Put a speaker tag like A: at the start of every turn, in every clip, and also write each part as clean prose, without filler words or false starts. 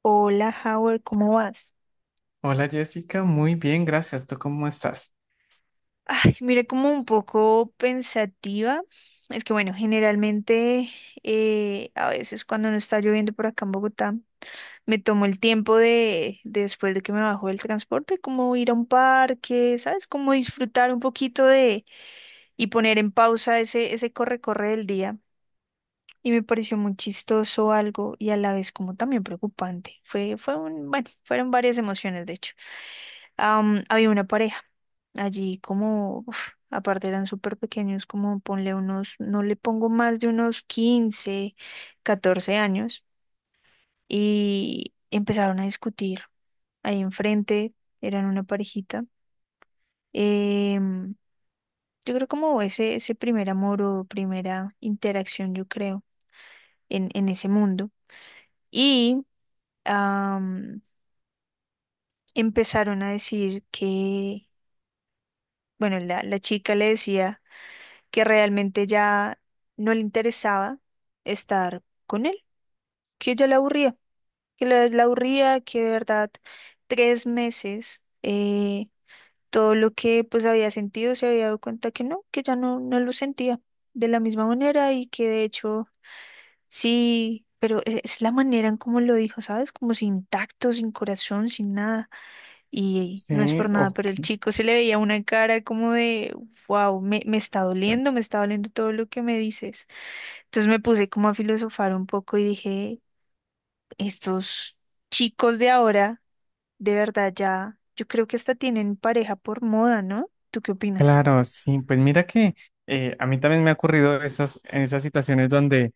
A: Hola, Howard, ¿cómo vas?
B: Hola Jessica, muy bien, gracias. ¿Tú cómo estás?
A: Ay, mira, como un poco pensativa. Es que, bueno, generalmente a veces cuando no está lloviendo por acá en Bogotá, me tomo el tiempo de después de que me bajo del transporte, como ir a un parque, ¿sabes? Como disfrutar un poquito de y poner en pausa ese corre-corre del día. Y me pareció muy chistoso algo y a la vez como también preocupante. Fueron varias emociones, de hecho. Había una pareja allí como, uf, aparte eran súper pequeños, como ponle unos, no le pongo más de unos 15 14 años, y empezaron a discutir ahí enfrente, eran una parejita. Em, yo creo como ese primer amor o primera interacción, yo creo, en ese mundo. Y am, empezaron a decir que, bueno, la chica le decía que realmente ya no le interesaba estar con él, que ya le aburría, que le la aburría, que de verdad 3 meses todo lo que pues había sentido se había dado cuenta que no, que ya no, no lo sentía de la misma manera y que de hecho sí, pero es la manera en cómo lo dijo, ¿sabes? Como sin tacto, sin corazón, sin nada. Y no es
B: Sí,
A: por nada, pero el
B: ok.
A: chico se le veía una cara como de, wow, me está doliendo todo lo que me dices. Entonces me puse como a filosofar un poco y dije, estos chicos de ahora, de verdad ya, yo creo que hasta tienen pareja por moda, ¿no? ¿Tú qué opinas?
B: Claro, sí, pues mira que a mí también me ha ocurrido esos, en esas situaciones donde,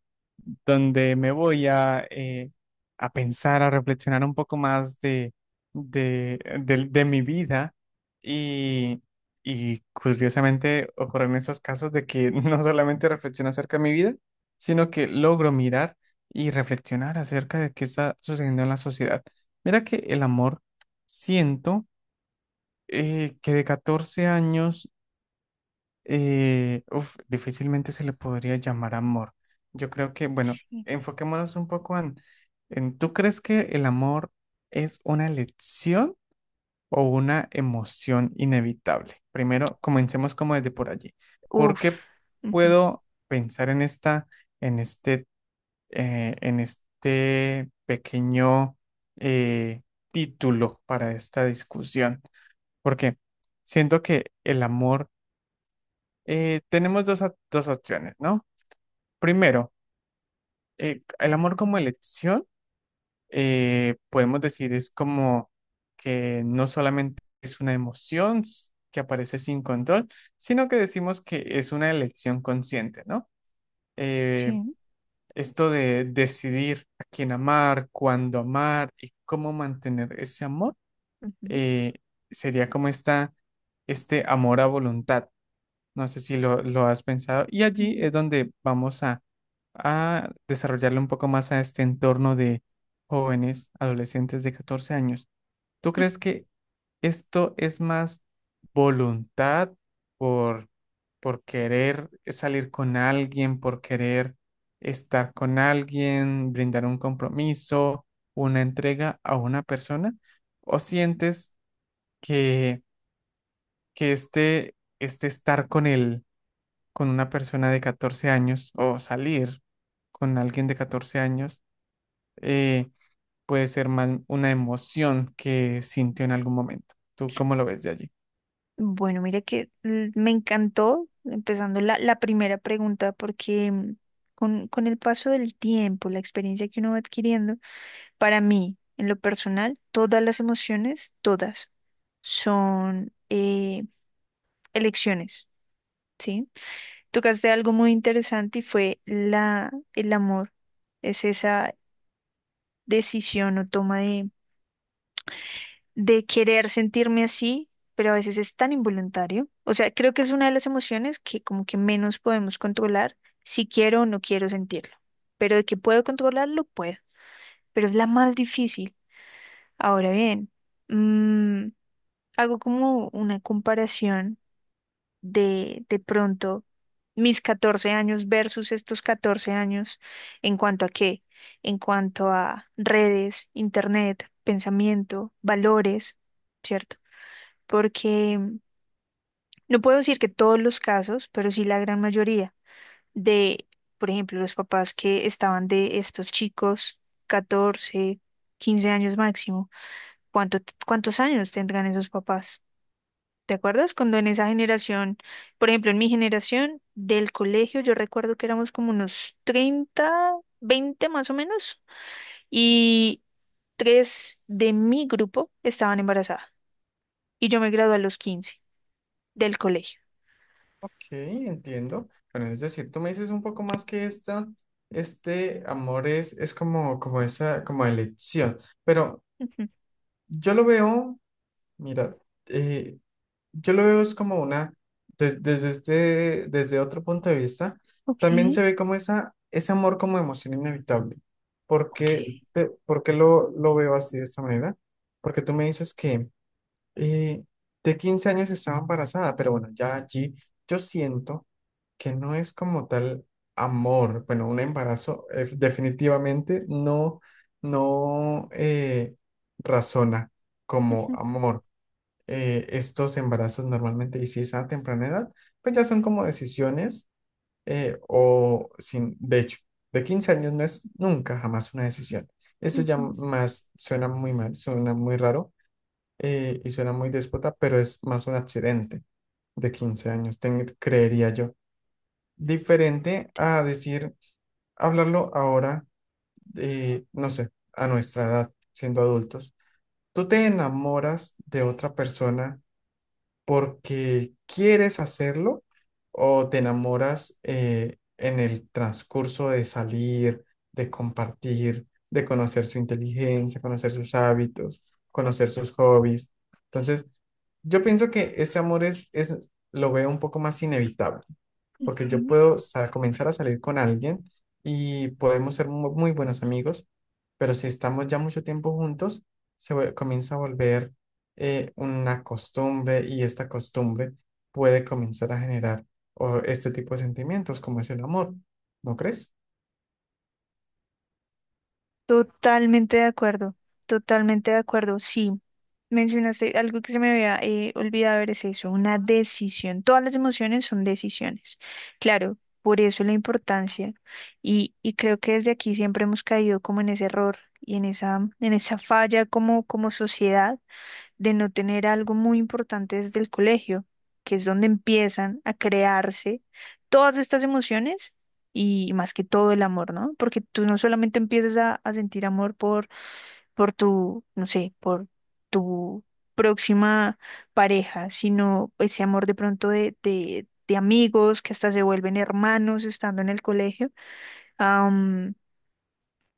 B: donde me voy a pensar, a reflexionar un poco más de, de mi vida y, y curiosamente ocurren esos casos de que no solamente reflexiono acerca de mi vida, sino que logro mirar y reflexionar acerca de qué está sucediendo en la sociedad. Mira que el amor, siento que de 14 años difícilmente se le podría llamar amor. Yo creo que, bueno,
A: Sí.
B: enfoquémonos un poco en, ¿tú crees que el amor es una elección o una emoción inevitable? Primero, comencemos como desde por allí. ¿Por
A: Uf.
B: qué
A: Ujú.
B: puedo pensar en en este, en este pequeño eh, título para esta discusión? Porque siento que el amor, tenemos dos opciones, ¿no? Primero, el amor como elección, podemos decir, es como que no solamente es una que aparece sin control, sino que decimos que es una elección consciente, ¿no? Eh,
A: Sí.
B: esto de decidir a quién amar, cuándo amar y cómo mantener ese amor,
A: Ujú.
B: eh, sería como este amor a voluntad. No sé si lo has pensado. Y allí
A: Ujú.
B: es donde vamos a desarrollarle un poco más a este entorno de jóvenes, adolescentes de 14 años. ¿Tú crees que esto es más voluntad por, por querer salir con alguien, por querer estar con alguien, brindar un compromiso, una entrega a una persona? ¿O sientes que, que este estar con él, con una persona de 14 años o salir con alguien de 14 años, eh, puede ser más una emoción que sintió en algún momento? ¿Tú cómo lo ves de allí?
A: Bueno, mira que me encantó, empezando la primera pregunta, porque mm, con el paso del tiempo, la experiencia que uno va adquiriendo, para mí, en lo personal, todas las emociones, todas, son elecciones. Sí, tocaste algo muy interesante y fue la, el amor. Es esa decisión o toma de querer sentirme así, pero a veces es tan involuntario. O sea, creo que es una de las emociones que como que menos podemos controlar si quiero o no quiero sentirlo. Pero de que puedo controlarlo, puedo. Pero es la más difícil. Ahora bien, mm, hago como una comparación de pronto mis 14 años versus estos 14 años en cuanto a qué, en cuanto a redes, internet, pensamiento, valores, ¿cierto? Porque mm, no puedo decir que todos los casos, pero sí la gran mayoría de, por ejemplo, los papás que estaban de estos chicos, 14 15 años máximo, ¿cuánto, cuántos años tendrán esos papás? ¿Te acuerdas cuando en esa generación, por ejemplo, en mi generación del colegio, yo recuerdo que éramos como unos 30, 20 más o menos, y tres de mi grupo estaban embarazadas. Y yo me gradué a los 15 del colegio.
B: Ok, entiendo. Bueno, es decir, tú me dices un poco más que este amor es como, como esa, como elección. Pero
A: Ujú.
B: yo lo veo, mira, eh, Yo lo veo es como una, desde este, desde otro punto de vista,
A: Ok,
B: también se ve como esa, ese amor como emoción inevitable. ¿Por qué,
A: ok.
B: por qué lo veo así de esta manera? Porque tú me dices que eh, de 15 años estaba embarazada, pero bueno, ya allí yo siento que no es como tal amor. Bueno, un embarazo definitivamente no razona como
A: Ujú.
B: amor. Estos embarazos normalmente, y si es a temprana edad, pues ya son como decisiones, o sin, de hecho, de 15 años no es nunca jamás una decisión. Eso ya
A: Ujú.
B: más suena muy mal, suena muy raro, y suena muy déspota, pero es más un accidente de 15 años, creería yo. Diferente a decir, hablarlo ahora, no sé, a nuestra edad, siendo adultos. Tú te enamoras de otra persona porque quieres hacerlo o te enamoras en el transcurso de salir, de compartir, de conocer su inteligencia, conocer sus hábitos, conocer sus hobbies. Entonces, yo pienso que ese amor es, lo veo un poco más inevitable, porque yo
A: Ujú.
B: puedo comenzar a salir con alguien y podemos ser muy buenos amigos, pero si estamos ya mucho tiempo juntos, comienza a volver una costumbre, y esta costumbre puede comenzar a generar o, este tipo de sentimientos como es el amor, ¿no crees?
A: Totalmente de acuerdo, totalmente de acuerdo. Sí, mencionaste algo que se me había olvidado, ver es eso, una decisión. Todas las emociones son decisiones. Claro, por eso la importancia. Y creo que desde aquí siempre hemos caído como en ese error y en esa falla como, como sociedad de no tener algo muy importante desde el colegio, que es donde empiezan a crearse todas estas emociones y más que todo el amor, ¿no? Porque tú no solamente empiezas a sentir amor por tu, no sé, por tu próxima pareja, sino ese amor de pronto de amigos que hasta se vuelven hermanos estando en el colegio. Am,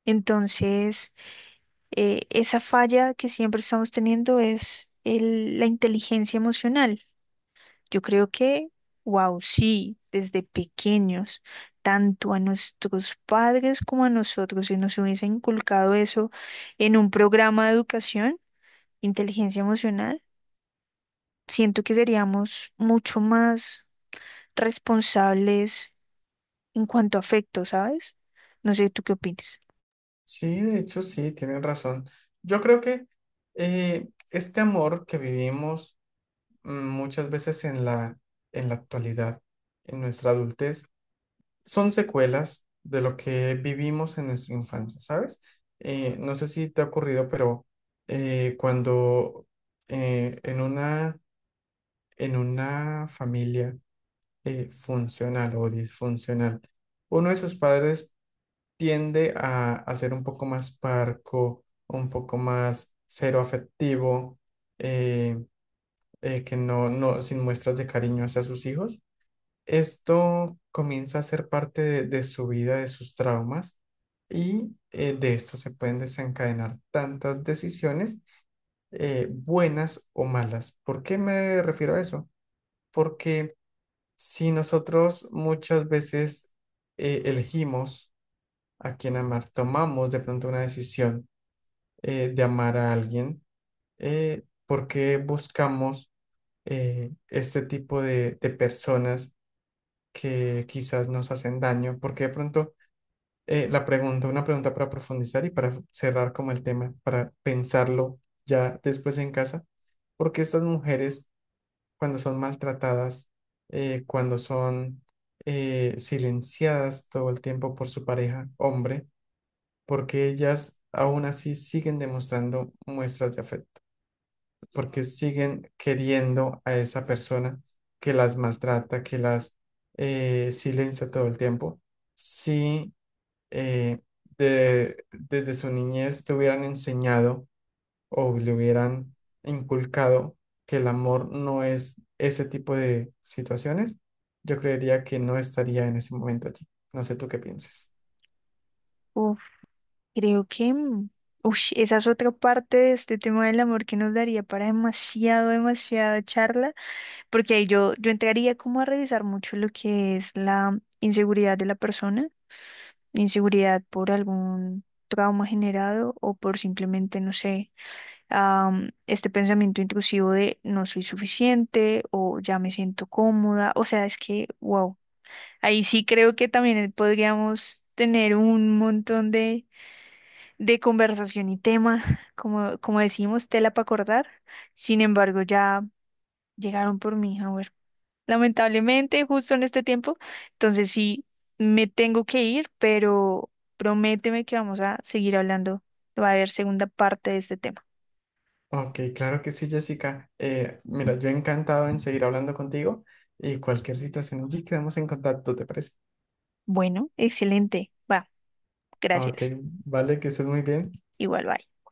A: entonces esa falla que siempre estamos teniendo es la inteligencia emocional. Yo creo que, wow, sí, desde pequeños, tanto a nuestros padres como a nosotros, si nos hubiesen inculcado eso en un programa de educación, inteligencia emocional, siento que seríamos mucho más responsables en cuanto a afecto, ¿sabes? No sé, ¿tú qué opinas?
B: Sí, de hecho sí, tienes razón. Yo creo que este amor que vivimos, mm, muchas veces en en la actualidad, en nuestra adultez, son secuelas de lo que vivimos en nuestra infancia, ¿sabes? No sé si te ha ocurrido, pero cuando eh, en una en una familia funcional o disfuncional, uno de sus padres tiende a ser un poco más parco, un poco más cero afectivo, eh, que sin muestras de cariño hacia sus hijos. Esto comienza a ser parte de su vida, de sus traumas, y de esto se pueden desencadenar tantas decisiones, buenas o malas. ¿Por qué me refiero a eso? Porque si nosotros muchas veces elegimos a quién amar, tomamos de pronto una decisión de amar a alguien, ¿por qué buscamos este tipo de personas que quizás nos hacen daño? Porque de pronto una pregunta para profundizar y para cerrar como el tema, para pensarlo ya después en casa, porque estas mujeres cuando son maltratadas, cuando son silenciadas todo el tiempo por su pareja, hombre, porque ellas aún así siguen demostrando muestras de afecto, porque siguen queriendo a esa persona que las maltrata, que las silencia todo el tiempo. Si eh, desde su niñez le hubieran enseñado o le hubieran inculcado que el amor no es ese tipo de situaciones, yo creería que no estaría en ese momento allí. No sé tú qué piensas.
A: Creo que, mm, ush, esa es otra parte de este tema del amor que nos daría para demasiado, demasiada charla, porque ahí yo entraría como a revisar mucho lo que es la inseguridad de la persona, inseguridad por algún trauma generado o por simplemente, no sé, este pensamiento intrusivo de no soy suficiente o ya me siento cómoda, o sea, es que, wow, ahí sí creo que también podríamos tener un montón de conversación y tema, como, como decimos, tela para acordar. Sin embargo, ya llegaron por mí, a ver, lamentablemente, justo en este tiempo. Entonces sí, me tengo que ir, pero prométeme que vamos a seguir hablando. Va a haber segunda parte de este tema.
B: Ok, claro que sí, Jessica. Mira, yo encantado en seguir hablando contigo, y cualquier situación allí quedamos en contacto, ¿te parece?
A: Bueno, excelente. Va,
B: Ok,
A: gracias.
B: vale, que estés muy bien.
A: Igual, bye.